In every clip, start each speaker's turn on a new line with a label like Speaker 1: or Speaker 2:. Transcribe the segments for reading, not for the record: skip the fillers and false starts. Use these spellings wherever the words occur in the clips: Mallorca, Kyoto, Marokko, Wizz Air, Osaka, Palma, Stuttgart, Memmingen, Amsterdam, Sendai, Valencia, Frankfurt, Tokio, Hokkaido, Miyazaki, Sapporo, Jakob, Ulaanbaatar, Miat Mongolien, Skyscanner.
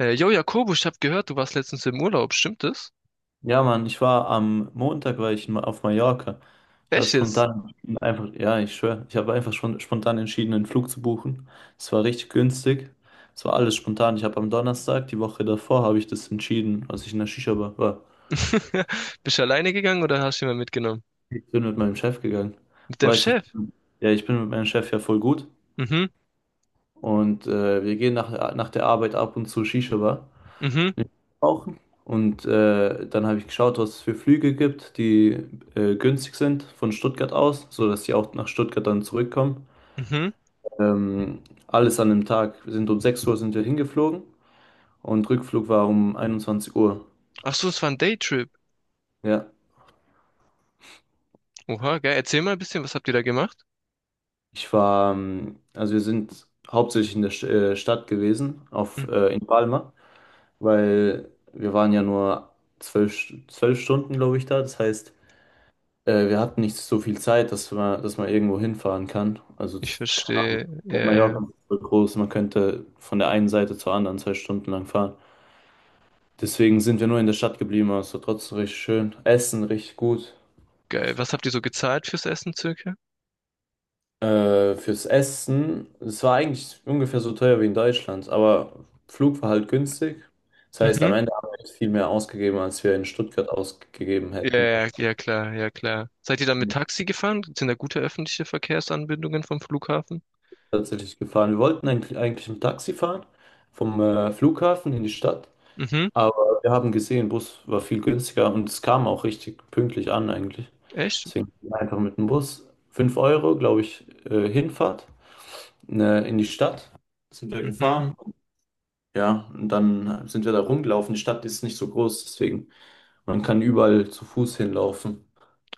Speaker 1: Yo, Jakobo, ich habe gehört, du warst letztens im Urlaub, stimmt das?
Speaker 2: Ja, Mann, ich war am Montag war ich in- Ma- auf Mallorca. Ich habe
Speaker 1: Echt jetzt?
Speaker 2: spontan entschieden, einfach, ja, ich schwöre, ich habe einfach schon spontan entschieden, einen Flug zu buchen. Es war richtig günstig. Es war alles spontan. Ich habe am Donnerstag, die Woche davor, habe ich das entschieden, als ich in der Shisha-Bar war.
Speaker 1: Bist du alleine gegangen oder hast du jemanden mitgenommen?
Speaker 2: Ich bin mit meinem Chef gegangen.
Speaker 1: Mit
Speaker 2: Du
Speaker 1: deinem
Speaker 2: weißt, doch, ich
Speaker 1: Chef?
Speaker 2: bin- Ja, ich bin mit meinem Chef ja voll gut.
Speaker 1: Mhm,
Speaker 2: Und wir gehen nach der Arbeit ab und zu Shisha-Bar.
Speaker 1: mhm,
Speaker 2: Brauchen. Und dann habe ich geschaut, was es für Flüge gibt, die günstig sind von Stuttgart aus, sodass sie auch nach Stuttgart dann zurückkommen.
Speaker 1: mhm.
Speaker 2: Ähm, alles an dem Tag. Wir sind um 6 Uhr sind wir hingeflogen und Rückflug war um 21 Uhr.
Speaker 1: Ach so, es war ein Daytrip.
Speaker 2: Ja,
Speaker 1: Oha, geil. Erzähl mal ein bisschen, was habt ihr da gemacht?
Speaker 2: ich war, also wir sind hauptsächlich in der St Stadt gewesen,
Speaker 1: Hm.
Speaker 2: in Palma, weil wir waren ja nur zwölf Stunden, glaube ich, da. Das heißt, wir hatten nicht so viel Zeit, dass man irgendwo hinfahren kann. Also,
Speaker 1: Ich
Speaker 2: keine Ahnung.
Speaker 1: verstehe. Ja, ja,
Speaker 2: Mallorca
Speaker 1: ja.
Speaker 2: ist so groß, man könnte von der einen Seite zur anderen 2 Stunden lang fahren. Deswegen sind wir nur in der Stadt geblieben, aber es war trotzdem richtig schön. Essen richtig gut.
Speaker 1: Geil. Was habt ihr so gezahlt fürs Essen circa?
Speaker 2: Fürs Essen, es war eigentlich ungefähr so teuer wie in Deutschland, aber Flug war halt günstig. Das heißt,
Speaker 1: Mhm.
Speaker 2: am Ende haben wir jetzt viel mehr ausgegeben, als wir in Stuttgart ausgegeben
Speaker 1: Ja,
Speaker 2: hätten.
Speaker 1: ja,
Speaker 2: Wahrscheinlich
Speaker 1: ja, klar, ja, klar. Seid ihr dann mit Taxi gefahren? Sind da gute öffentliche Verkehrsanbindungen vom Flughafen?
Speaker 2: tatsächlich gefahren. Wir wollten eigentlich ein Taxi fahren vom Flughafen in die Stadt.
Speaker 1: Mhm,
Speaker 2: Aber wir haben gesehen, Bus war viel günstiger und es kam auch richtig pünktlich an eigentlich.
Speaker 1: echt?
Speaker 2: Deswegen einfach mit dem Bus. 5 Euro, glaube ich, Hinfahrt ne, in die Stadt. Sind wir
Speaker 1: Mhm.
Speaker 2: gefahren. Ja, und dann sind wir da rumgelaufen. Die Stadt ist nicht so groß, deswegen man kann überall zu Fuß hinlaufen.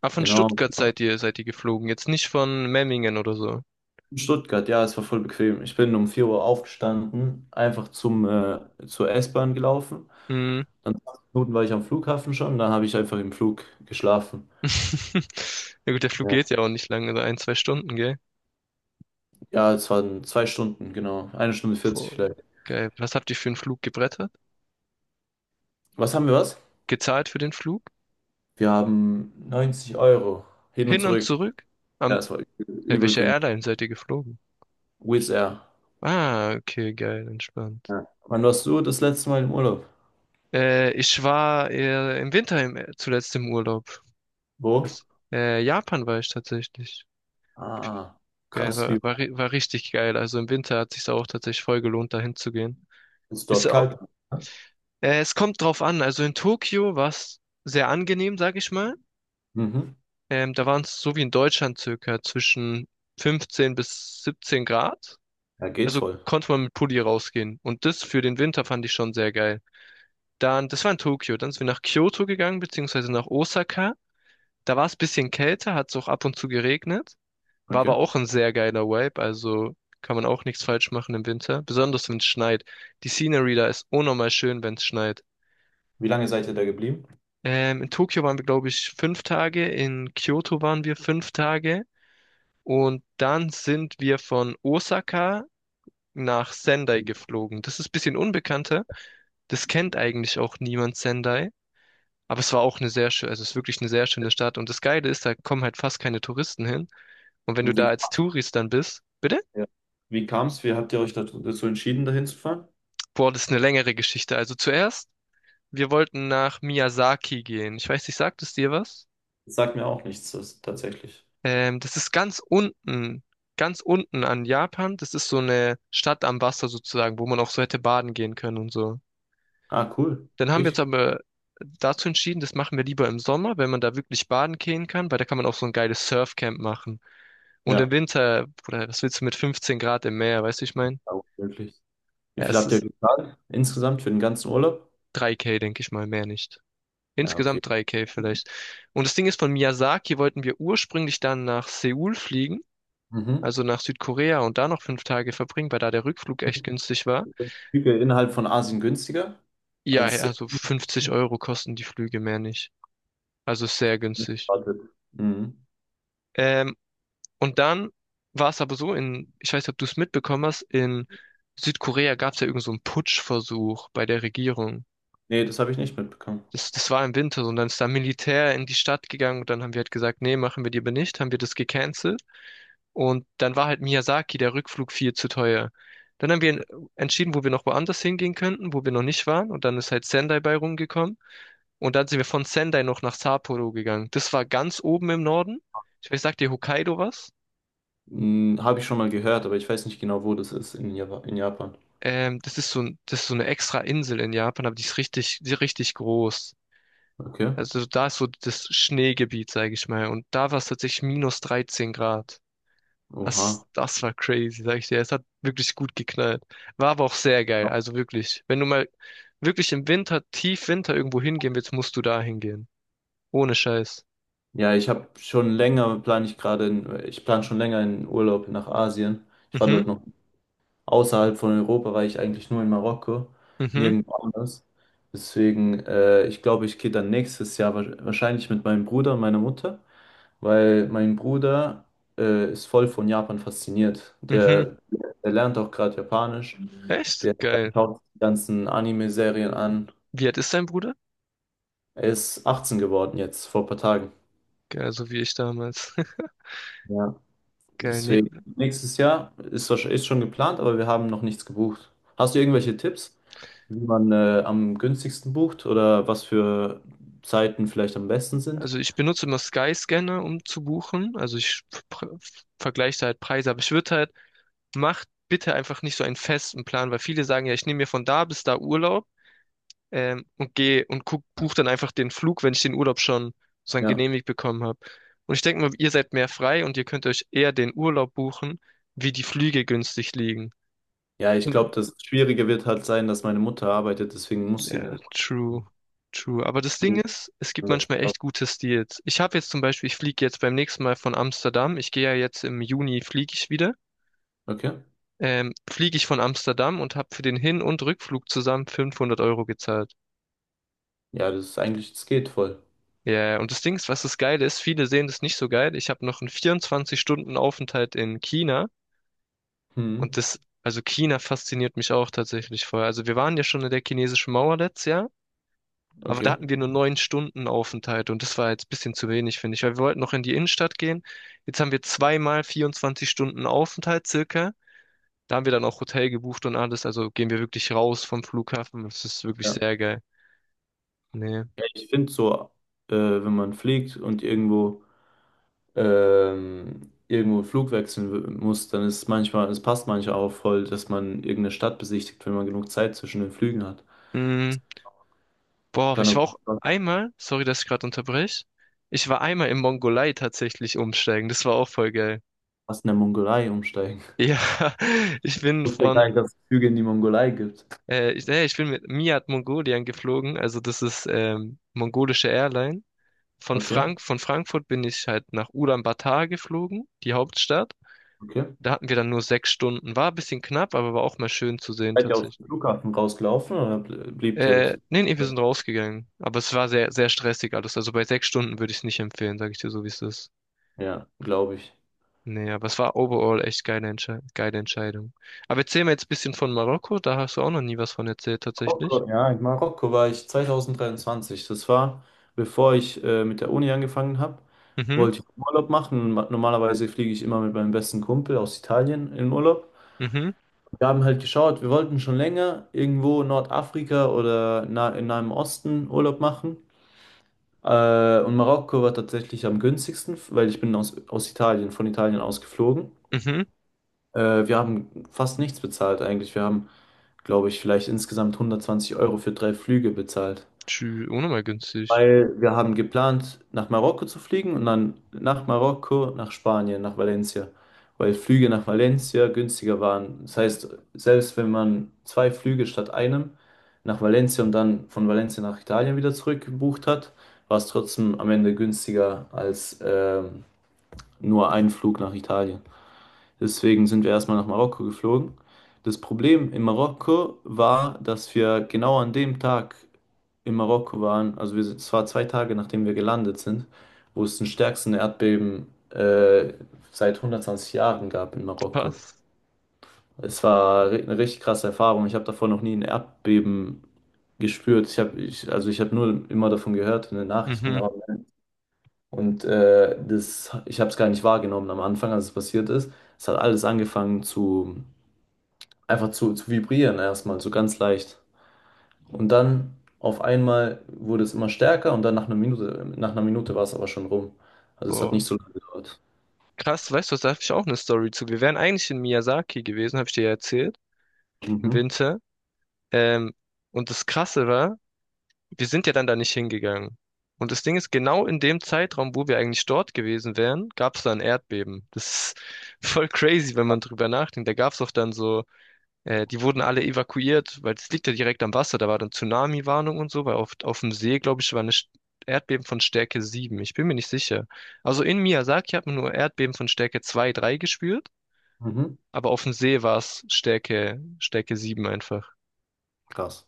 Speaker 1: Ah, von
Speaker 2: Genau.
Speaker 1: Stuttgart seid ihr geflogen, jetzt nicht von Memmingen oder so.
Speaker 2: In Stuttgart, ja, es war voll bequem. Ich bin um 4 Uhr aufgestanden, einfach zur S-Bahn gelaufen.
Speaker 1: Mhm.
Speaker 2: Dann 20 Minuten war ich am Flughafen schon, dann habe ich einfach im Flug geschlafen.
Speaker 1: Ja gut, der Flug geht ja auch nicht lange, so ein, zwei Stunden, gell?
Speaker 2: Ja, es waren 2 Stunden, genau. 1 Stunde 40
Speaker 1: Boah,
Speaker 2: vielleicht.
Speaker 1: geil. Was habt ihr für einen Flug gebrettert?
Speaker 2: Was haben wir was?
Speaker 1: Gezahlt für den Flug?
Speaker 2: Wir haben 90 Euro hin und
Speaker 1: Hin und
Speaker 2: zurück.
Speaker 1: zurück?
Speaker 2: Ja,
Speaker 1: Am,
Speaker 2: es war übel,
Speaker 1: bei
Speaker 2: übel
Speaker 1: welcher
Speaker 2: günstig.
Speaker 1: Airline seid ihr geflogen?
Speaker 2: Wizz Air.
Speaker 1: Ah, okay, geil, entspannt.
Speaker 2: Ja. Wann warst du das letzte Mal im Urlaub?
Speaker 1: Ich war im Winter zuletzt im Urlaub.
Speaker 2: Wo?
Speaker 1: Was? Japan war ich tatsächlich.
Speaker 2: Ah,
Speaker 1: Geil,
Speaker 2: krass, wie
Speaker 1: war richtig geil. Also im Winter hat sich's auch tatsächlich voll gelohnt, dahin zu gehen.
Speaker 2: ist
Speaker 1: Ist
Speaker 2: dort
Speaker 1: auch,
Speaker 2: kalt?
Speaker 1: es kommt drauf an. Also in Tokio war's sehr angenehm, sag ich mal.
Speaker 2: Mhm.
Speaker 1: Da waren es so wie in Deutschland circa zwischen 15 bis 17 Grad.
Speaker 2: Ja, geht
Speaker 1: Also
Speaker 2: voll.
Speaker 1: konnte man mit Pulli rausgehen. Und das für den Winter fand ich schon sehr geil. Dann, das war in Tokio. Dann sind wir nach Kyoto gegangen, beziehungsweise nach Osaka. Da war es ein bisschen kälter, hat es auch ab und zu geregnet. War
Speaker 2: Okay.
Speaker 1: aber auch ein sehr geiler Vibe. Also kann man auch nichts falsch machen im Winter. Besonders wenn es schneit. Die Scenery da ist unnormal schön, wenn es schneit.
Speaker 2: Wie lange seid ihr da geblieben?
Speaker 1: In Tokio waren wir, glaube ich, 5 Tage. In Kyoto waren wir 5 Tage. Und dann sind wir von Osaka nach Sendai geflogen. Das ist ein bisschen unbekannter. Das kennt eigentlich auch niemand Sendai. Aber es war auch eine sehr schöne, also es ist wirklich eine sehr schöne Stadt. Und das Geile ist, da kommen halt fast keine Touristen hin. Und wenn du
Speaker 2: Und
Speaker 1: da
Speaker 2: wie,
Speaker 1: als Tourist dann bist, bitte?
Speaker 2: ja. Wie kam es? Wie habt ihr euch dazu entschieden, dahin zu fahren?
Speaker 1: Boah, das ist eine längere Geschichte. Also zuerst, wir wollten nach Miyazaki gehen. Ich weiß nicht, sagt es dir was?
Speaker 2: Das sagt mir auch nichts, das, tatsächlich.
Speaker 1: Das ist ganz unten an Japan. Das ist so eine Stadt am Wasser sozusagen, wo man auch so hätte baden gehen können und so.
Speaker 2: Ah, cool.
Speaker 1: Dann haben wir uns
Speaker 2: Richtig.
Speaker 1: aber dazu entschieden, das machen wir lieber im Sommer, wenn man da wirklich baden gehen kann, weil da kann man auch so ein geiles Surfcamp machen. Und im
Speaker 2: Ja,
Speaker 1: Winter, oder was willst du mit 15 Grad im Meer, weißt du, ich mein?
Speaker 2: ja, wirklich. Wie
Speaker 1: Ja,
Speaker 2: viel
Speaker 1: es
Speaker 2: habt ihr
Speaker 1: ist
Speaker 2: gezahlt insgesamt für den ganzen Urlaub?
Speaker 1: 3K, denke ich mal, mehr nicht.
Speaker 2: Ja, okay.
Speaker 1: Insgesamt 3K vielleicht. Und das Ding ist, von Miyazaki wollten wir ursprünglich dann nach Seoul fliegen,
Speaker 2: Mhm.
Speaker 1: also nach Südkorea und da noch 5 Tage verbringen, weil da der Rückflug echt günstig war.
Speaker 2: Flüge innerhalb von Asien günstiger
Speaker 1: Ja,
Speaker 2: als
Speaker 1: also 50 € kosten die Flüge mehr nicht. Also ist sehr günstig.
Speaker 2: erwartet. Mhm.
Speaker 1: Ähm, Und dann war es aber so, in, ich weiß nicht, ob du es mitbekommen hast, in Südkorea gab es ja irgend so einen Putschversuch bei der Regierung.
Speaker 2: Nee, das habe ich nicht mitbekommen.
Speaker 1: Das war im Winter so, und dann ist da Militär in die Stadt gegangen und dann haben wir halt gesagt, nee, machen wir die aber nicht, haben wir das gecancelt. Und dann war halt Miyazaki, der Rückflug viel zu teuer. Dann haben wir entschieden, wo wir noch woanders hingehen könnten, wo wir noch nicht waren. Und dann ist halt Sendai bei rumgekommen. Und dann sind wir von Sendai noch nach Sapporo gegangen. Das war ganz oben im Norden. Ich weiß, sagt dir Hokkaido was?
Speaker 2: Mhm, habe ich schon mal gehört, aber ich weiß nicht genau, wo das ist in Java in Japan.
Speaker 1: Das ist so, das ist so eine extra Insel in Japan, aber die ist richtig groß.
Speaker 2: Okay.
Speaker 1: Also da ist so das Schneegebiet, sage ich mal. Und da war es tatsächlich minus 13 Grad.
Speaker 2: Oha.
Speaker 1: Das war crazy, sag ich dir. Es hat wirklich gut geknallt. War aber auch sehr geil. Also wirklich. Wenn du mal wirklich im Winter, tief Winter irgendwo hingehen willst, musst du da hingehen. Ohne Scheiß.
Speaker 2: Ja, ich habe schon länger, plane ich gerade, in, ich plane schon länger einen Urlaub nach Asien. Ich war
Speaker 1: Mhm,
Speaker 2: dort noch außerhalb von Europa war ich eigentlich nur in Marokko,
Speaker 1: mhm,
Speaker 2: nirgendwo anders. Deswegen, ich glaube, ich gehe dann nächstes Jahr wahrscheinlich mit meinem Bruder und meiner Mutter, weil mein Bruder ist voll von Japan fasziniert.
Speaker 1: mhm.
Speaker 2: Der, der lernt auch gerade Japanisch,
Speaker 1: Echt?
Speaker 2: der
Speaker 1: Geil.
Speaker 2: schaut die ganzen Anime-Serien an.
Speaker 1: Wie alt ist dein Bruder?
Speaker 2: Er ist 18 geworden jetzt, vor ein paar Tagen.
Speaker 1: Geil, so wie ich damals.
Speaker 2: Ja.
Speaker 1: Geil. Nee,
Speaker 2: Deswegen, nächstes Jahr ist, ist schon geplant, aber wir haben noch nichts gebucht. Hast du irgendwelche Tipps, wie man am günstigsten bucht oder was für Zeiten vielleicht am besten sind?
Speaker 1: also ich benutze immer Skyscanner, um zu buchen. Also ich pr- vergleiche da halt Preise, aber ich würde halt, macht bitte einfach nicht so einen festen Plan, weil viele sagen ja, ich nehme mir von da bis da Urlaub und gehe und guck, buche dann einfach den Flug, wenn ich den Urlaub schon sozusagen
Speaker 2: Ja.
Speaker 1: genehmigt bekommen habe. Und ich denke mal, ihr seid mehr frei und ihr könnt euch eher den Urlaub buchen, wie die Flüge günstig liegen.
Speaker 2: Ja, ich glaube, das Schwierige wird halt sein, dass meine Mutter arbeitet, deswegen muss sie
Speaker 1: Ja,
Speaker 2: den.
Speaker 1: true, true. Aber das Ding ist, es gibt manchmal echt gute Deals. Ich habe jetzt zum Beispiel, ich fliege jetzt beim nächsten Mal von Amsterdam. Ich gehe ja jetzt im Juni, fliege ich wieder.
Speaker 2: Okay.
Speaker 1: Fliege ich von Amsterdam und habe für den Hin- und Rückflug zusammen 500 € gezahlt.
Speaker 2: Ja, das ist eigentlich, das geht voll.
Speaker 1: Ja, und das Ding ist, was das Geile ist, viele sehen das nicht so geil. Ich habe noch einen 24-Stunden-Aufenthalt in China und
Speaker 2: Hm,
Speaker 1: das, also China fasziniert mich auch tatsächlich voll. Also wir waren ja schon in der chinesischen Mauer letztes Jahr. Aber da
Speaker 2: okay.
Speaker 1: hatten wir nur 9 Stunden Aufenthalt und das war jetzt ein bisschen zu wenig, finde ich, weil wir wollten noch in die Innenstadt gehen. Jetzt haben wir zweimal 24 Stunden Aufenthalt circa. Da haben wir dann auch Hotel gebucht und alles, also gehen wir wirklich raus vom Flughafen. Das ist wirklich
Speaker 2: Ja.
Speaker 1: sehr geil. Nee.
Speaker 2: Ja, ich finde so, wenn man fliegt und irgendwo irgendwo einen Flug wechseln muss, dann ist es manchmal, es passt manchmal auch voll, dass man irgendeine Stadt besichtigt, wenn man genug Zeit zwischen den Flügen hat.
Speaker 1: Mm, Boah,
Speaker 2: Kann
Speaker 1: ich war
Speaker 2: aber
Speaker 1: auch einmal, sorry, dass ich gerade unterbreche. Ich war einmal in Mongolei tatsächlich umsteigen. Das war auch voll geil.
Speaker 2: fast in der Mongolei umsteigen.
Speaker 1: Ja, ich bin
Speaker 2: Ich wusste gar
Speaker 1: von,
Speaker 2: nicht, dass es Flüge in die Mongolei gibt.
Speaker 1: ich bin mit Miat Mongolien geflogen, also das ist mongolische Airline. von
Speaker 2: Okay,
Speaker 1: Frank, von Frankfurt bin ich halt nach Ulaanbaatar geflogen, die Hauptstadt.
Speaker 2: okay.
Speaker 1: Da hatten wir dann nur 6 Stunden. War ein bisschen knapp, aber war auch mal schön zu sehen
Speaker 2: Seid ihr aus
Speaker 1: tatsächlich.
Speaker 2: dem Flughafen rausgelaufen oder bliebt ihr im
Speaker 1: Nee, nee, wir
Speaker 2: Flughafen?
Speaker 1: sind rausgegangen. Aber es war sehr, sehr stressig alles. Also bei 6 Stunden würde ich es nicht empfehlen, sage ich dir so, wie es ist.
Speaker 2: Ja, glaube ich.
Speaker 1: Nee, aber es war overall echt geile, Entsche geile Entscheidung. Aber erzähl mir jetzt ein bisschen von Marokko. Da hast du auch noch nie was von erzählt, tatsächlich.
Speaker 2: Marokko, ja, in Marokko war ich 2023. Das war, bevor ich mit der Uni angefangen habe,
Speaker 1: Mhm,
Speaker 2: wollte ich Urlaub machen. Normalerweise fliege ich immer mit meinem besten Kumpel aus Italien in Urlaub.
Speaker 1: mhm,
Speaker 2: Wir haben halt geschaut, wir wollten schon länger irgendwo in Nordafrika oder na in Nahem Osten Urlaub machen. Und Marokko war tatsächlich am günstigsten, weil ich bin aus Italien, von Italien aus geflogen.
Speaker 1: mhm.
Speaker 2: Wir haben fast nichts bezahlt eigentlich. Wir haben, glaube ich, vielleicht insgesamt 120 Euro für 3 Flüge bezahlt.
Speaker 1: Tschü, ohne mal günstig.
Speaker 2: Weil wir haben geplant, nach Marokko zu fliegen und dann nach Marokko, nach Spanien, nach Valencia, weil Flüge nach Valencia günstiger waren. Das heißt, selbst wenn man zwei Flüge statt einem nach Valencia und dann von Valencia nach Italien wieder zurück gebucht hat, war es trotzdem am Ende günstiger als nur ein Flug nach Italien. Deswegen sind wir erstmal nach Marokko geflogen. Das Problem in Marokko war, dass wir genau an dem Tag in Marokko waren, also wir sind, es war 2 Tage, nachdem wir gelandet sind, wo es den stärksten Erdbeben seit 120 Jahren gab in Marokko.
Speaker 1: Was?
Speaker 2: Es war eine richtig krasse Erfahrung. Ich habe davor noch nie ein Erdbeben gespürt. Ich habe, ich, also ich habe nur immer davon gehört in den Nachrichten.
Speaker 1: Mhm.
Speaker 2: Und das, ich habe es gar nicht wahrgenommen am Anfang, als es passiert ist. Es hat alles angefangen zu einfach zu vibrieren erstmal, so ganz leicht. Und dann auf einmal wurde es immer stärker und dann nach einer Minute war es aber schon rum. Also es hat
Speaker 1: Boah.
Speaker 2: nicht so lange gedauert.
Speaker 1: Krass, weißt du, was, da habe ich auch eine Story zu. Wir wären eigentlich in Miyazaki gewesen, habe ich dir ja erzählt, im
Speaker 2: Mhm.
Speaker 1: Winter. Ähm, und das Krasse war, wir sind ja dann da nicht hingegangen. Und das Ding ist, genau in dem Zeitraum, wo wir eigentlich dort gewesen wären, gab es da ein Erdbeben. Das ist voll crazy, wenn man drüber nachdenkt. Da gab es auch dann so, die wurden alle evakuiert, weil es liegt ja direkt am Wasser. Da war dann Tsunami-Warnung und so, weil auf, dem See, glaube ich, war eine Erdbeben von Stärke 7. Ich bin mir nicht sicher. Also in Miyazaki hat man nur Erdbeben von Stärke 2, 3 gespürt.
Speaker 2: Mhm.
Speaker 1: Aber auf dem See war es Stärke 7 einfach.
Speaker 2: Krass.